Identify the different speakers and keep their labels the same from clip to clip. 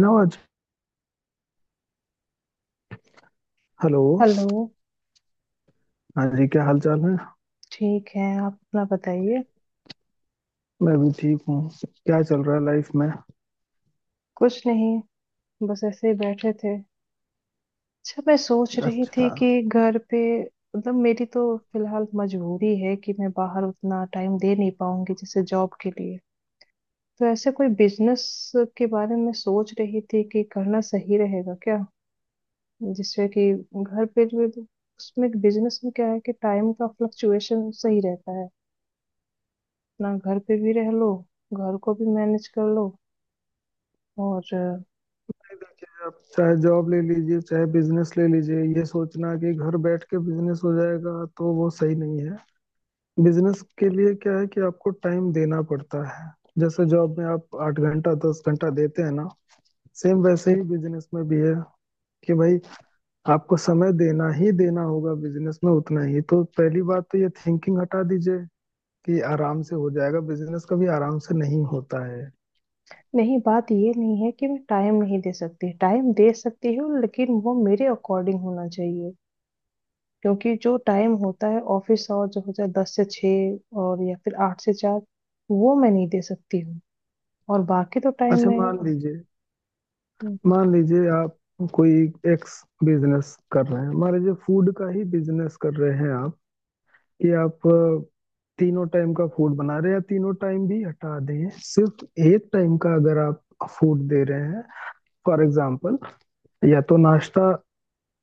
Speaker 1: ना आज। Hello.
Speaker 2: Hello.
Speaker 1: हाँ जी, क्या हाल चाल है?
Speaker 2: ठीक है। आप अपना बताइए।
Speaker 1: मैं भी ठीक हूँ। क्या चल रहा है लाइफ में?
Speaker 2: कुछ नहीं, बस ऐसे ही बैठे थे। अच्छा, मैं सोच रही थी
Speaker 1: अच्छा, नहीं।
Speaker 2: कि घर पे, मतलब मेरी तो फिलहाल मजबूरी है कि मैं बाहर उतना टाइम दे नहीं पाऊंगी, जैसे जॉब के लिए। तो ऐसे कोई बिजनेस के बारे में सोच रही थी कि करना सही रहेगा क्या, जिससे कि घर पे जो है, उसमें बिजनेस में क्या है कि टाइम का फ्लक्चुएशन सही रहता है। अपना घर पे भी रह लो, घर को भी मैनेज कर लो और
Speaker 1: देखिए, आप चाहे जॉब ले लीजिए चाहे बिजनेस ले लीजिए, ये सोचना कि घर बैठ के बिजनेस हो जाएगा तो वो सही नहीं है। बिजनेस के लिए क्या है कि आपको टाइम देना पड़ता है। जैसे जॉब में आप आठ घंटा दस घंटा देते हैं ना, सेम वैसे ही बिजनेस में भी है कि भाई, आपको समय देना ही देना होगा बिजनेस में उतना ही। तो पहली बात तो ये थिंकिंग हटा दीजिए कि आराम से हो जाएगा। बिजनेस कभी आराम से नहीं होता है।
Speaker 2: नहीं, बात ये नहीं है कि मैं टाइम नहीं दे सकती, टाइम दे सकती हूँ, लेकिन वो मेरे अकॉर्डिंग होना चाहिए। क्योंकि जो टाइम होता है, ऑफिस आवर जो होता है 10 से 6, और या फिर 8 से 4, वो मैं नहीं दे सकती हूँ। और बाकी तो टाइम
Speaker 1: अच्छा, मान
Speaker 2: में
Speaker 1: लीजिए मान लीजिए आप कोई एक्स बिजनेस कर रहे हैं, मान लीजिए फूड का ही बिजनेस कर रहे हैं आप। कि आप तीनों टाइम का फूड बना रहे हैं या तीनों टाइम भी हटा दें, सिर्फ एक टाइम का अगर आप फूड दे रहे हैं। फॉर एग्जाम्पल, या तो नाश्ता,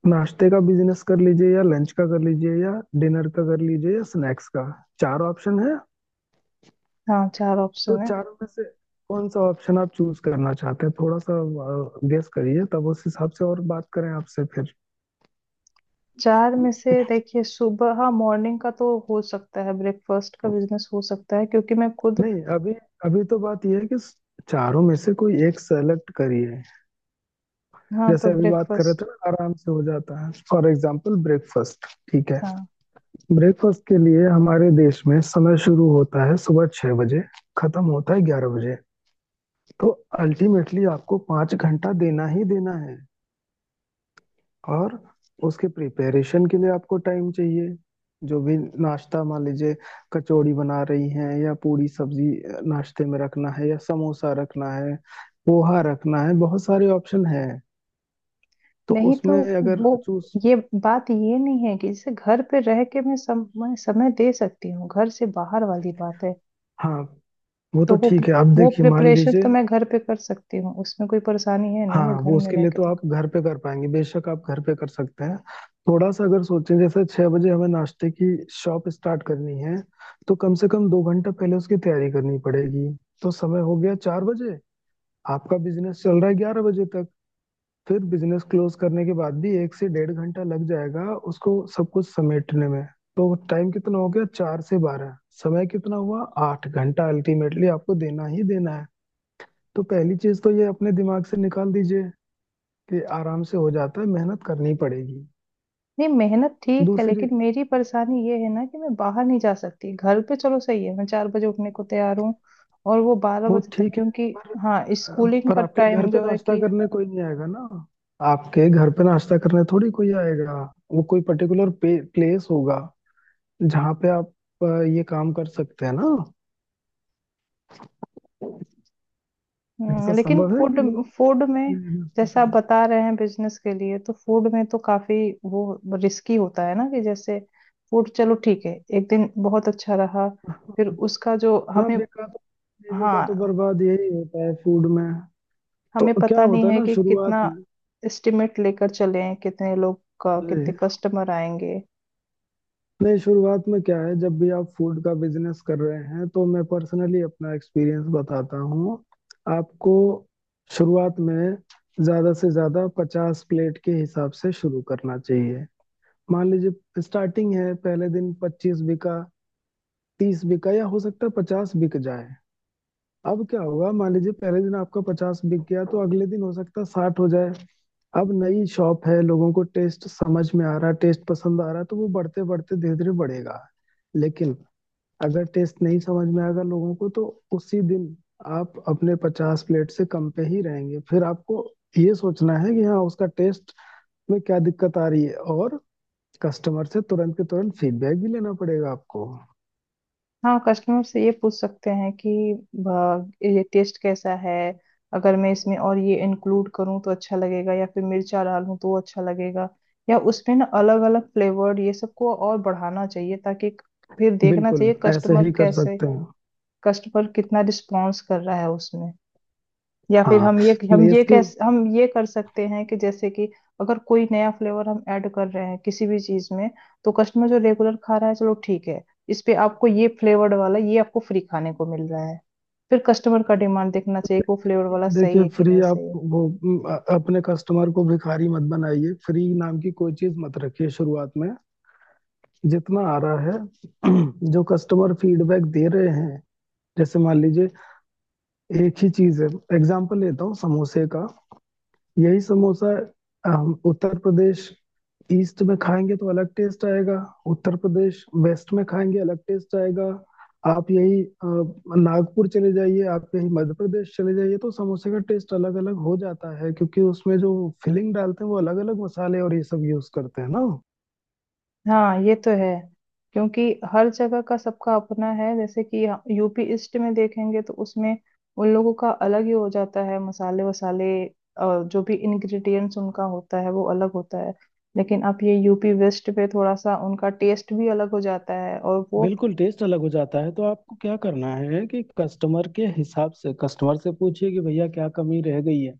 Speaker 1: नाश्ते का बिजनेस कर लीजिए, या लंच का कर लीजिए, या डिनर का कर लीजिए, या स्नैक्स का। चार ऑप्शन है।
Speaker 2: हाँ, चार
Speaker 1: तो
Speaker 2: ऑप्शन है।
Speaker 1: चारों में से कौन सा ऑप्शन आप चूज करना चाहते हैं, थोड़ा सा गेस करिए, तब उस हिसाब से और बात करें आपसे फिर।
Speaker 2: चार में से देखिए, सुबह, हाँ, मॉर्निंग का तो हो सकता है ब्रेकफास्ट का बिजनेस हो सकता है, क्योंकि मैं खुद।
Speaker 1: नहीं, अभी अभी तो बात यह है कि चारों में से कोई एक सेलेक्ट करिए।
Speaker 2: हाँ, तो
Speaker 1: जैसे अभी बात कर रहे थे
Speaker 2: ब्रेकफास्ट।
Speaker 1: ना, आराम से हो जाता है। For example breakfast. ठीक है, ब्रेकफास्ट के लिए हमारे देश में समय शुरू होता है सुबह छह बजे, खत्म होता है ग्यारह बजे। तो अल्टीमेटली आपको पाँच घंटा देना ही देना है। और उसके प्रिपरेशन के लिए आपको टाइम चाहिए, जो भी नाश्ता, मान लीजिए कचौड़ी बना रही हैं, या पूरी सब्जी नाश्ते में रखना है, या समोसा रखना है, पोहा रखना है, बहुत सारे ऑप्शन हैं। तो
Speaker 2: नहीं, तो
Speaker 1: उसमें अगर
Speaker 2: वो
Speaker 1: चूज,
Speaker 2: ये, बात ये नहीं है कि जैसे घर पे रह के मैं समय समय दे सकती हूँ, घर से बाहर वाली बात है।
Speaker 1: हाँ वो तो
Speaker 2: तो
Speaker 1: ठीक है। आप
Speaker 2: वो
Speaker 1: देखिए, मान
Speaker 2: प्रिपरेशन
Speaker 1: लीजिए,
Speaker 2: तो मैं घर पे कर सकती हूँ, उसमें कोई परेशानी है नहीं, मैं
Speaker 1: हाँ वो
Speaker 2: घर में
Speaker 1: उसके
Speaker 2: रह
Speaker 1: लिए
Speaker 2: के
Speaker 1: तो
Speaker 2: तो
Speaker 1: आप घर पे कर पाएंगे, बेशक आप घर पे कर सकते हैं। थोड़ा सा अगर सोचें, जैसे छह बजे हमें नाश्ते की शॉप स्टार्ट करनी है, तो कम से कम दो घंटा पहले उसकी तैयारी करनी पड़ेगी। तो समय हो गया चार बजे। आपका बिजनेस चल रहा है ग्यारह बजे तक। फिर बिजनेस क्लोज करने के बाद भी एक से डेढ़ घंटा लग जाएगा उसको सब कुछ समेटने में। तो टाइम कितना हो गया, चार से बारह। समय कितना हुआ, आठ घंटा। अल्टीमेटली आपको देना ही देना है। तो पहली चीज तो ये अपने दिमाग से निकाल दीजिए कि आराम से हो जाता है। मेहनत करनी पड़ेगी।
Speaker 2: नहीं। मेहनत ठीक है
Speaker 1: दूसरी,
Speaker 2: लेकिन मेरी परेशानी ये है ना कि मैं बाहर नहीं जा सकती, घर पे चलो सही है, मैं 4 बजे उठने को तैयार हूँ और वो बारह
Speaker 1: वो
Speaker 2: बजे तक,
Speaker 1: ठीक है,
Speaker 2: क्योंकि
Speaker 1: पर
Speaker 2: हाँ, स्कूलिंग
Speaker 1: पर
Speaker 2: का
Speaker 1: आपके घर
Speaker 2: टाइम
Speaker 1: पे
Speaker 2: जो है
Speaker 1: नाश्ता
Speaker 2: कि
Speaker 1: करने कोई नहीं आएगा ना। आपके घर पे नाश्ता करने थोड़ी कोई आएगा। वो कोई पर्टिकुलर प्लेस होगा, जहाँ पे आप अ, ये काम कर सकते हैं ना। ऐसा
Speaker 2: लेकिन
Speaker 1: संभव है कि
Speaker 2: फूड,
Speaker 1: लोग
Speaker 2: फूड में,
Speaker 1: नाश्ता
Speaker 2: जैसे आप
Speaker 1: करें?
Speaker 2: बता रहे हैं बिजनेस के लिए, तो फूड में तो काफी वो रिस्की होता है ना, कि जैसे फूड चलो ठीक है, एक दिन बहुत अच्छा रहा, फिर उसका जो
Speaker 1: हाँ,
Speaker 2: हमें,
Speaker 1: बेकार तो, जीविका तो
Speaker 2: हाँ,
Speaker 1: बर्बाद यही होता है फूड में। तो
Speaker 2: हमें
Speaker 1: क्या
Speaker 2: पता नहीं
Speaker 1: होता है
Speaker 2: है
Speaker 1: ना
Speaker 2: कि कितना
Speaker 1: शुरुआत
Speaker 2: एस्टिमेट लेकर चलें, कितने लोग का, कितने
Speaker 1: में,
Speaker 2: कस्टमर आएंगे।
Speaker 1: नहीं शुरुआत में क्या है, जब भी आप फूड का बिजनेस कर रहे हैं तो मैं पर्सनली अपना एक्सपीरियंस बताता हूँ आपको। शुरुआत में ज्यादा से ज्यादा पचास प्लेट के हिसाब से शुरू करना चाहिए। मान लीजिए स्टार्टिंग है, पहले दिन पच्चीस बिका, तीस बिका, या हो सकता है पचास बिक जाए। अब क्या हुआ, मान लीजिए पहले दिन आपका पचास बिक गया तो अगले दिन हो सकता है साठ हो जाए। अब नई शॉप है, लोगों को टेस्ट समझ में आ रहा है, टेस्ट पसंद आ रहा है, तो वो बढ़ते बढ़ते धीरे धीरे बढ़ेगा। लेकिन अगर टेस्ट नहीं समझ में आएगा लोगों को, तो उसी दिन आप अपने पचास प्लेट से कम पे ही रहेंगे। फिर आपको ये सोचना है कि हाँ, उसका टेस्ट में क्या दिक्कत आ रही है, और कस्टमर से तुरंत के तुरंत फीडबैक भी लेना पड़ेगा आपको।
Speaker 2: हाँ, कस्टमर से ये पूछ सकते हैं कि ये टेस्ट कैसा है, अगर मैं इसमें और ये इंक्लूड करूँ तो अच्छा लगेगा, या फिर मिर्चा डालूं तो अच्छा लगेगा, या उसमें ना अलग अलग फ्लेवर्ड ये सबको और बढ़ाना चाहिए, ताकि फिर देखना
Speaker 1: बिल्कुल
Speaker 2: चाहिए
Speaker 1: ऐसे
Speaker 2: कस्टमर
Speaker 1: ही कर
Speaker 2: कैसे,
Speaker 1: सकते हैं।
Speaker 2: कस्टमर कितना रिस्पॉन्स कर रहा है उसमें। या फिर
Speaker 1: हाँ,
Speaker 2: हम ये हम ये
Speaker 1: प्लेस के,
Speaker 2: कैस हम ये कर सकते हैं कि, जैसे कि अगर कोई नया फ्लेवर हम ऐड कर रहे हैं किसी भी चीज में, तो कस्टमर जो रेगुलर खा रहा है चलो ठीक है, इस पे आपको ये फ्लेवर्ड वाला, ये आपको फ्री खाने को मिल रहा है, फिर कस्टमर का डिमांड देखना चाहिए कि वो फ्लेवर वाला सही
Speaker 1: देखिए
Speaker 2: है कि
Speaker 1: फ्री
Speaker 2: नहीं
Speaker 1: आप
Speaker 2: सही।
Speaker 1: वो अपने कस्टमर को भिखारी मत बनाइए। फ्री नाम की कोई चीज मत रखिए शुरुआत में। जितना आ रहा है जो कस्टमर फीडबैक दे रहे हैं, जैसे मान लीजिए एक ही चीज है, एग्जांपल लेता हूँ समोसे का। यही समोसा हम उत्तर प्रदेश ईस्ट में खाएंगे तो अलग टेस्ट आएगा, उत्तर प्रदेश वेस्ट में खाएंगे अलग टेस्ट आएगा। आप यही नागपुर चले जाइए, आप यही मध्य प्रदेश चले जाइए, तो समोसे का टेस्ट अलग अलग हो जाता है, क्योंकि उसमें जो फिलिंग डालते हैं वो अलग अलग मसाले और ये सब यूज करते हैं ना।
Speaker 2: हाँ, ये तो है, क्योंकि हर जगह का सबका अपना है, जैसे कि यूपी ईस्ट में देखेंगे तो उसमें उन लोगों का अलग ही हो जाता है, मसाले वसाले, जो भी इंग्रेडिएंट्स उनका होता है वो अलग होता है। लेकिन आप, ये यूपी वेस्ट पे थोड़ा सा उनका टेस्ट भी अलग हो जाता है, और वो
Speaker 1: बिल्कुल, टेस्ट अलग हो जाता है। तो आपको क्या करना है कि कस्टमर के हिसाब से, कस्टमर से पूछिए कि भैया क्या कमी रह गई है।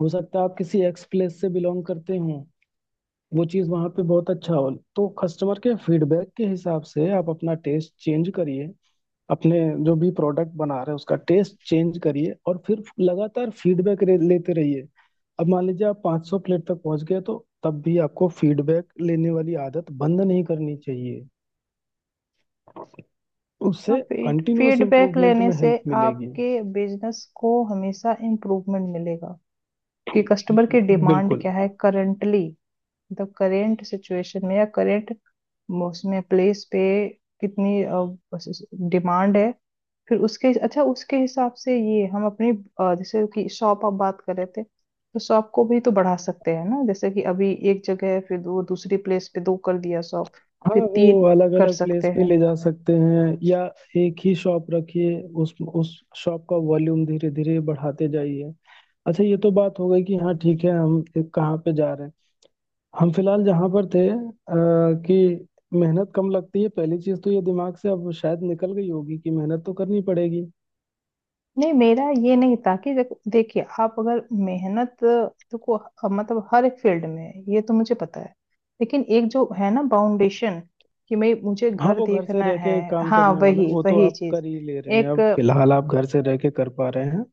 Speaker 1: हो सकता है आप किसी एक्स प्लेस से बिलोंग करते हो, वो चीज़ वहाँ पे बहुत अच्छा हो। तो कस्टमर के फीडबैक के हिसाब से आप अपना टेस्ट चेंज करिए, अपने जो भी प्रोडक्ट बना रहे हैं उसका टेस्ट चेंज करिए, और फिर लगातार फीडबैक लेते रहिए। अब मान लीजिए आप 500 प्लेट तक पहुंच गए, तो तब भी आपको फीडबैक लेने वाली आदत बंद नहीं करनी चाहिए। उससे
Speaker 2: हाँ, फीड
Speaker 1: कंटिन्यूअस
Speaker 2: फीडबैक
Speaker 1: इम्प्रूवमेंट
Speaker 2: लेने
Speaker 1: में
Speaker 2: से
Speaker 1: हेल्प मिलेगी।
Speaker 2: आपके बिजनेस को हमेशा इम्प्रूवमेंट मिलेगा, कि कस्टमर की डिमांड
Speaker 1: बिल्कुल।
Speaker 2: क्या है करंटली, मतलब करेंट सिचुएशन में, या करेंट उसमें प्लेस पे कितनी डिमांड है, फिर उसके, अच्छा, उसके हिसाब से ये हम अपनी, जैसे कि शॉप आप बात कर रहे थे, तो शॉप को भी तो बढ़ा सकते हैं ना, जैसे कि अभी एक जगह है, फिर वो दूसरी प्लेस पे दो कर दिया शॉप,
Speaker 1: हाँ
Speaker 2: फिर
Speaker 1: वो
Speaker 2: तीन
Speaker 1: अलग
Speaker 2: कर
Speaker 1: अलग
Speaker 2: सकते
Speaker 1: प्लेस पे
Speaker 2: हैं।
Speaker 1: ले जा सकते हैं, या एक ही शॉप रखिए, उस शॉप का वॉल्यूम धीरे धीरे बढ़ाते जाइए। अच्छा, ये तो बात हो गई कि हाँ ठीक है, हम एक कहाँ पे जा रहे हैं। हम फिलहाल जहाँ पर थे कि मेहनत कम लगती है, पहली चीज तो ये दिमाग से अब शायद निकल गई होगी कि मेहनत तो करनी पड़ेगी।
Speaker 2: नहीं, मेरा ये नहीं था कि देखिए आप, अगर मेहनत देखो मतलब हर एक फील्ड में है, ये तो मुझे पता है, लेकिन एक जो है ना फाउंडेशन, कि मैं, मुझे
Speaker 1: हाँ,
Speaker 2: घर
Speaker 1: वो घर से
Speaker 2: देखना
Speaker 1: रह के
Speaker 2: है।
Speaker 1: काम
Speaker 2: हाँ,
Speaker 1: करने वाला,
Speaker 2: वही
Speaker 1: वो तो
Speaker 2: वही
Speaker 1: आप
Speaker 2: चीज,
Speaker 1: कर ही ले रहे हैं,
Speaker 2: एक,
Speaker 1: अब फिलहाल आप घर से रह के कर पा रहे हैं।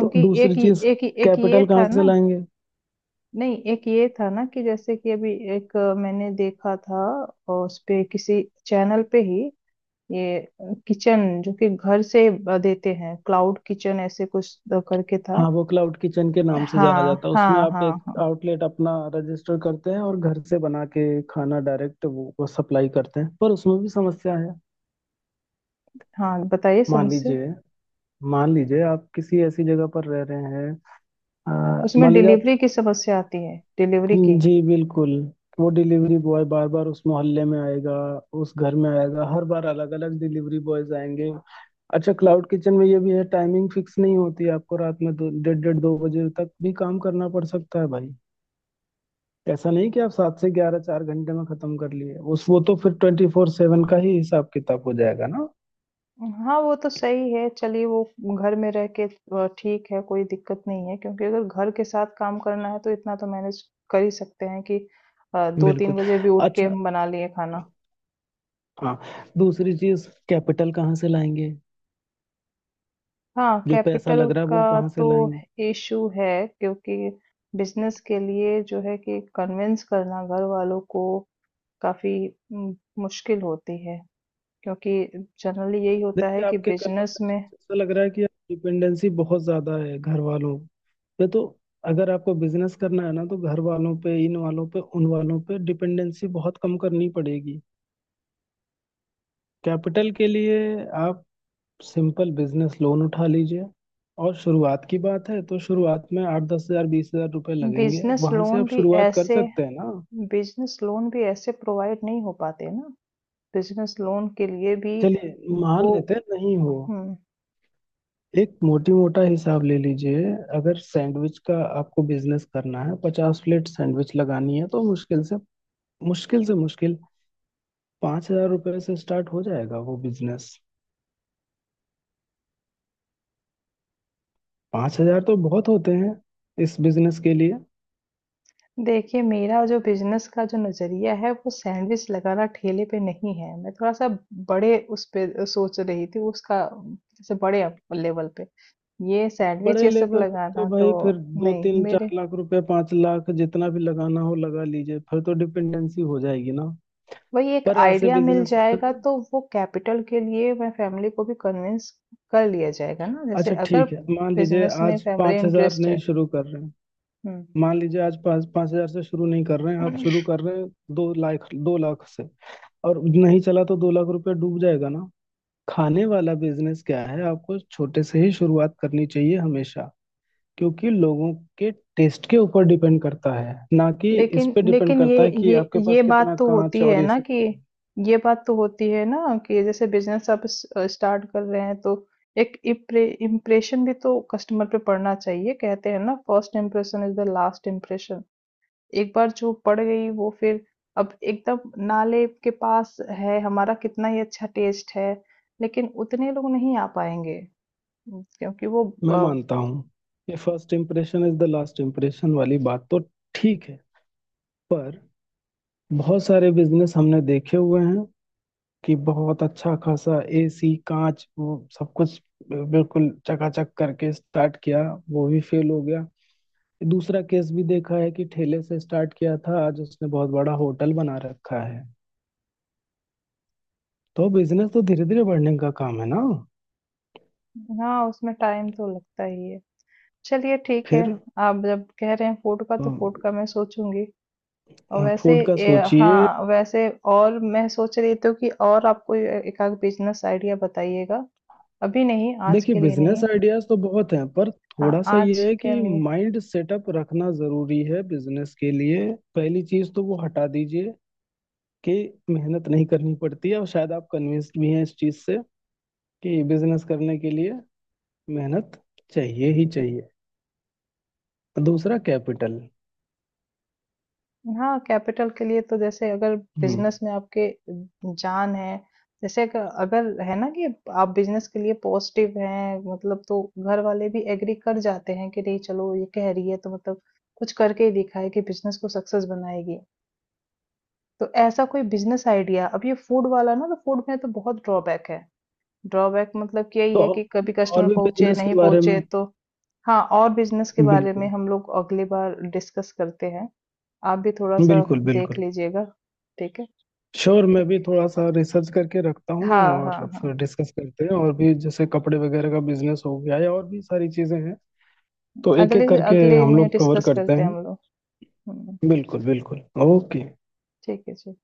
Speaker 1: तो दूसरी
Speaker 2: एक
Speaker 1: चीज,
Speaker 2: एक एक ये
Speaker 1: कैपिटल कहाँ
Speaker 2: था
Speaker 1: से
Speaker 2: ना।
Speaker 1: लाएंगे?
Speaker 2: नहीं, एक ये था ना कि जैसे कि अभी एक मैंने देखा था, और उस पे किसी चैनल पे ही, ये किचन जो कि घर से देते हैं, क्लाउड किचन ऐसे कुछ करके था।
Speaker 1: हाँ, वो क्लाउड किचन के नाम से जाना
Speaker 2: हाँ,
Speaker 1: जाता है। उसमें
Speaker 2: हाँ,
Speaker 1: आप
Speaker 2: हाँ,
Speaker 1: एक
Speaker 2: हाँ।
Speaker 1: आउटलेट अपना रजिस्टर करते हैं और घर से बना के खाना डायरेक्ट वो सप्लाई करते हैं। पर उसमें भी समस्या है।
Speaker 2: हाँ, बताइए
Speaker 1: मान
Speaker 2: समस्या।
Speaker 1: लीजिए मान लीजिए आप किसी ऐसी जगह पर रह रहे हैं,
Speaker 2: उसमें
Speaker 1: मान लीजिए आप,
Speaker 2: डिलीवरी की समस्या आती है, डिलीवरी की।
Speaker 1: जी बिल्कुल, वो डिलीवरी बॉय बार बार उस मोहल्ले में आएगा, उस घर में आएगा। हर बार अलग अलग डिलीवरी बॉयज आएंगे। अच्छा, क्लाउड किचन में ये भी है, टाइमिंग फिक्स नहीं होती है। आपको रात में दो डेढ़ डेढ़ दो बजे तक भी काम करना पड़ सकता है भाई। ऐसा नहीं कि आप सात से ग्यारह चार घंटे में खत्म कर लिए, उस वो तो फिर ट्वेंटी फोर सेवन का ही हिसाब किताब हो जाएगा ना।
Speaker 2: हाँ, वो तो सही है, चलिए वो घर में रह के ठीक है, कोई दिक्कत नहीं है, क्योंकि अगर घर के साथ काम करना है तो इतना तो मैनेज कर ही सकते हैं कि, दो
Speaker 1: बिल्कुल।
Speaker 2: तीन बजे भी उठ के
Speaker 1: अच्छा,
Speaker 2: हम बना लिए खाना।
Speaker 1: हाँ, दूसरी चीज कैपिटल कहाँ से लाएंगे,
Speaker 2: हाँ,
Speaker 1: जो पैसा
Speaker 2: कैपिटल
Speaker 1: लग रहा है वो
Speaker 2: का
Speaker 1: कहाँ से
Speaker 2: तो
Speaker 1: लाएंगे।
Speaker 2: इशू है, क्योंकि बिजनेस के लिए जो है कि कन्विंस करना घर वालों को काफी मुश्किल होती है, क्योंकि जनरली यही होता
Speaker 1: देखिए,
Speaker 2: है कि
Speaker 1: आपके
Speaker 2: बिजनेस
Speaker 1: कन्वर्सेशन
Speaker 2: में
Speaker 1: से ऐसा लग रहा है कि डिपेंडेंसी बहुत ज्यादा है घर वालों पे। तो अगर आपको बिजनेस करना है ना, तो घर वालों पे, इन वालों पे, उन वालों पे डिपेंडेंसी बहुत कम करनी पड़ेगी। कैपिटल के लिए आप सिंपल बिजनेस लोन उठा लीजिए। और शुरुआत की बात है तो शुरुआत में आठ दस हजार, बीस हजार रुपये लगेंगे,
Speaker 2: बिजनेस
Speaker 1: वहां से
Speaker 2: लोन
Speaker 1: आप
Speaker 2: भी
Speaker 1: शुरुआत कर
Speaker 2: ऐसे
Speaker 1: सकते हैं ना।
Speaker 2: बिजनेस लोन भी ऐसे प्रोवाइड नहीं हो पाते ना, बिजनेस लोन के लिए भी
Speaker 1: चलिए मान
Speaker 2: वो।
Speaker 1: लेते हैं नहीं हो,
Speaker 2: हम्म
Speaker 1: एक मोटी मोटा हिसाब ले लीजिए। अगर सैंडविच का आपको बिजनेस करना है, पचास प्लेट सैंडविच लगानी है, तो मुश्किल से, मुश्किल से मुश्किल पाँच हजार रुपये से स्टार्ट हो जाएगा वो बिजनेस। पाँच हजार तो बहुत होते हैं इस बिजनेस के लिए।
Speaker 2: देखिए, मेरा जो बिजनेस का जो नजरिया है, वो सैंडविच लगाना ठेले पे नहीं है, मैं थोड़ा सा बड़े उस पे सोच रही थी उसका, जैसे बड़े लेवल पे ये सैंडविच
Speaker 1: बड़े
Speaker 2: ये सब
Speaker 1: लेवल पे तो
Speaker 2: लगाना तो
Speaker 1: भाई फिर दो
Speaker 2: नहीं।
Speaker 1: तीन चार
Speaker 2: मेरे
Speaker 1: लाख रुपए, पांच लाख, जितना भी लगाना हो लगा लीजिए, फिर तो डिपेंडेंसी हो जाएगी ना।
Speaker 2: वही एक
Speaker 1: पर ऐसे
Speaker 2: आइडिया मिल
Speaker 1: बिजनेस का,
Speaker 2: जाएगा, तो वो कैपिटल के लिए मैं फैमिली को भी कन्विंस कर लिया जाएगा ना, जैसे
Speaker 1: अच्छा
Speaker 2: अगर
Speaker 1: ठीक है, मान लीजिए
Speaker 2: बिजनेस में
Speaker 1: आज
Speaker 2: फैमिली
Speaker 1: पांच हजार
Speaker 2: इंटरेस्ट
Speaker 1: नहीं
Speaker 2: है।
Speaker 1: शुरू कर रहे हैं,
Speaker 2: हम्म।
Speaker 1: मान लीजिए आज पाँच पाँच हजार से शुरू नहीं कर रहे हैं आप, शुरू कर रहे हैं दो लाख से, और नहीं चला तो दो लाख रुपया डूब जाएगा ना। खाने वाला बिजनेस क्या है, आपको छोटे से ही शुरुआत करनी चाहिए हमेशा, क्योंकि लोगों के टेस्ट के ऊपर डिपेंड करता है ना, कि इस
Speaker 2: लेकिन
Speaker 1: पे डिपेंड
Speaker 2: लेकिन
Speaker 1: करता
Speaker 2: ये
Speaker 1: है कि
Speaker 2: ये
Speaker 1: आपके पास
Speaker 2: ये बात
Speaker 1: कितना
Speaker 2: तो
Speaker 1: कांच
Speaker 2: होती
Speaker 1: और
Speaker 2: है
Speaker 1: ये
Speaker 2: ना
Speaker 1: सब
Speaker 2: कि,
Speaker 1: है।
Speaker 2: ये बात तो होती है ना कि जैसे बिजनेस आप स्टार्ट कर रहे हैं, तो एक इम्प्रेशन भी तो कस्टमर पे पड़ना चाहिए, कहते हैं ना, first impression is the last impression. एक बार जो पड़ गई, वो फिर, अब एकदम नाले के पास है, हमारा कितना ही अच्छा टेस्ट है लेकिन उतने लोग नहीं आ पाएंगे, क्योंकि वो
Speaker 1: मैं
Speaker 2: अ,
Speaker 1: मानता हूँ, ये first impression is the last impression वाली बात तो ठीक है। पर बहुत सारे बिजनेस हमने देखे हुए हैं कि बहुत अच्छा खासा एसी, कांच, वो सब कुछ बिल्कुल चकाचक करके स्टार्ट किया, वो भी फेल हो गया। दूसरा केस भी देखा है कि ठेले से स्टार्ट किया था, आज उसने बहुत बड़ा होटल बना रखा है। तो बिजनेस तो धीरे धीरे बढ़ने का काम है ना।
Speaker 2: हाँ, उसमें टाइम तो लगता ही है, चलिए ठीक है।
Speaker 1: फिर
Speaker 2: आप जब कह रहे हैं फूड का, तो फूड का मैं सोचूंगी, और वैसे
Speaker 1: फूड का सोचिए।
Speaker 2: हाँ, वैसे, और मैं सोच रही थी कि और आपको एक आध बिजनेस आइडिया बताइएगा, अभी नहीं, आज
Speaker 1: देखिए
Speaker 2: के लिए
Speaker 1: बिजनेस
Speaker 2: नहीं।
Speaker 1: आइडियाज तो बहुत हैं, पर
Speaker 2: हाँ,
Speaker 1: थोड़ा सा
Speaker 2: आज
Speaker 1: ये है
Speaker 2: के
Speaker 1: कि
Speaker 2: लिए।
Speaker 1: माइंड सेटअप रखना जरूरी है बिजनेस के लिए। पहली चीज तो वो हटा दीजिए कि मेहनत नहीं करनी पड़ती है, और शायद आप कन्विंस्ड भी हैं इस चीज से कि बिजनेस करने के लिए मेहनत चाहिए ही चाहिए। दूसरा कैपिटल।
Speaker 2: हाँ, कैपिटल के लिए तो, जैसे अगर
Speaker 1: हम्म,
Speaker 2: बिजनेस में आपके जान है, जैसे अगर अगर है ना कि आप बिजनेस के लिए पॉजिटिव हैं मतलब, तो घर वाले भी एग्री कर जाते हैं कि नहीं चलो ये कह रही है, तो मतलब कुछ करके ही दिखाए कि बिजनेस को सक्सेस बनाएगी। तो ऐसा कोई बिजनेस आइडिया, अब ये फूड वाला ना, तो फूड में तो बहुत ड्रॉबैक है, ड्रॉबैक मतलब कि यही
Speaker 1: तो
Speaker 2: है कि कभी
Speaker 1: और
Speaker 2: कस्टमर
Speaker 1: भी
Speaker 2: पहुंचे
Speaker 1: बिजनेस
Speaker 2: नहीं
Speaker 1: के बारे में,
Speaker 2: पहुंचे तो। हाँ, और बिजनेस के बारे में
Speaker 1: बिल्कुल,
Speaker 2: हम लोग अगली बार डिस्कस करते हैं, आप भी थोड़ा-सा
Speaker 1: बिल्कुल
Speaker 2: देख
Speaker 1: बिल्कुल।
Speaker 2: लीजिएगा, ठीक है?
Speaker 1: श्योर, मैं
Speaker 2: ठीक
Speaker 1: भी थोड़ा सा रिसर्च करके रखता
Speaker 2: है।
Speaker 1: हूँ,
Speaker 2: हाँ, हाँ,
Speaker 1: और फिर
Speaker 2: हाँ।
Speaker 1: डिस्कस करते हैं, और भी जैसे कपड़े वगैरह का बिजनेस हो गया, या और भी सारी चीजें हैं। तो एक एक
Speaker 2: अगले
Speaker 1: करके
Speaker 2: अगले
Speaker 1: हम
Speaker 2: में
Speaker 1: लोग कवर
Speaker 2: डिस्कस
Speaker 1: करते
Speaker 2: करते हैं
Speaker 1: हैं।
Speaker 2: हम लोग। हुँ,
Speaker 1: बिल्कुल बिल्कुल। ओके।
Speaker 2: ठीक है जी।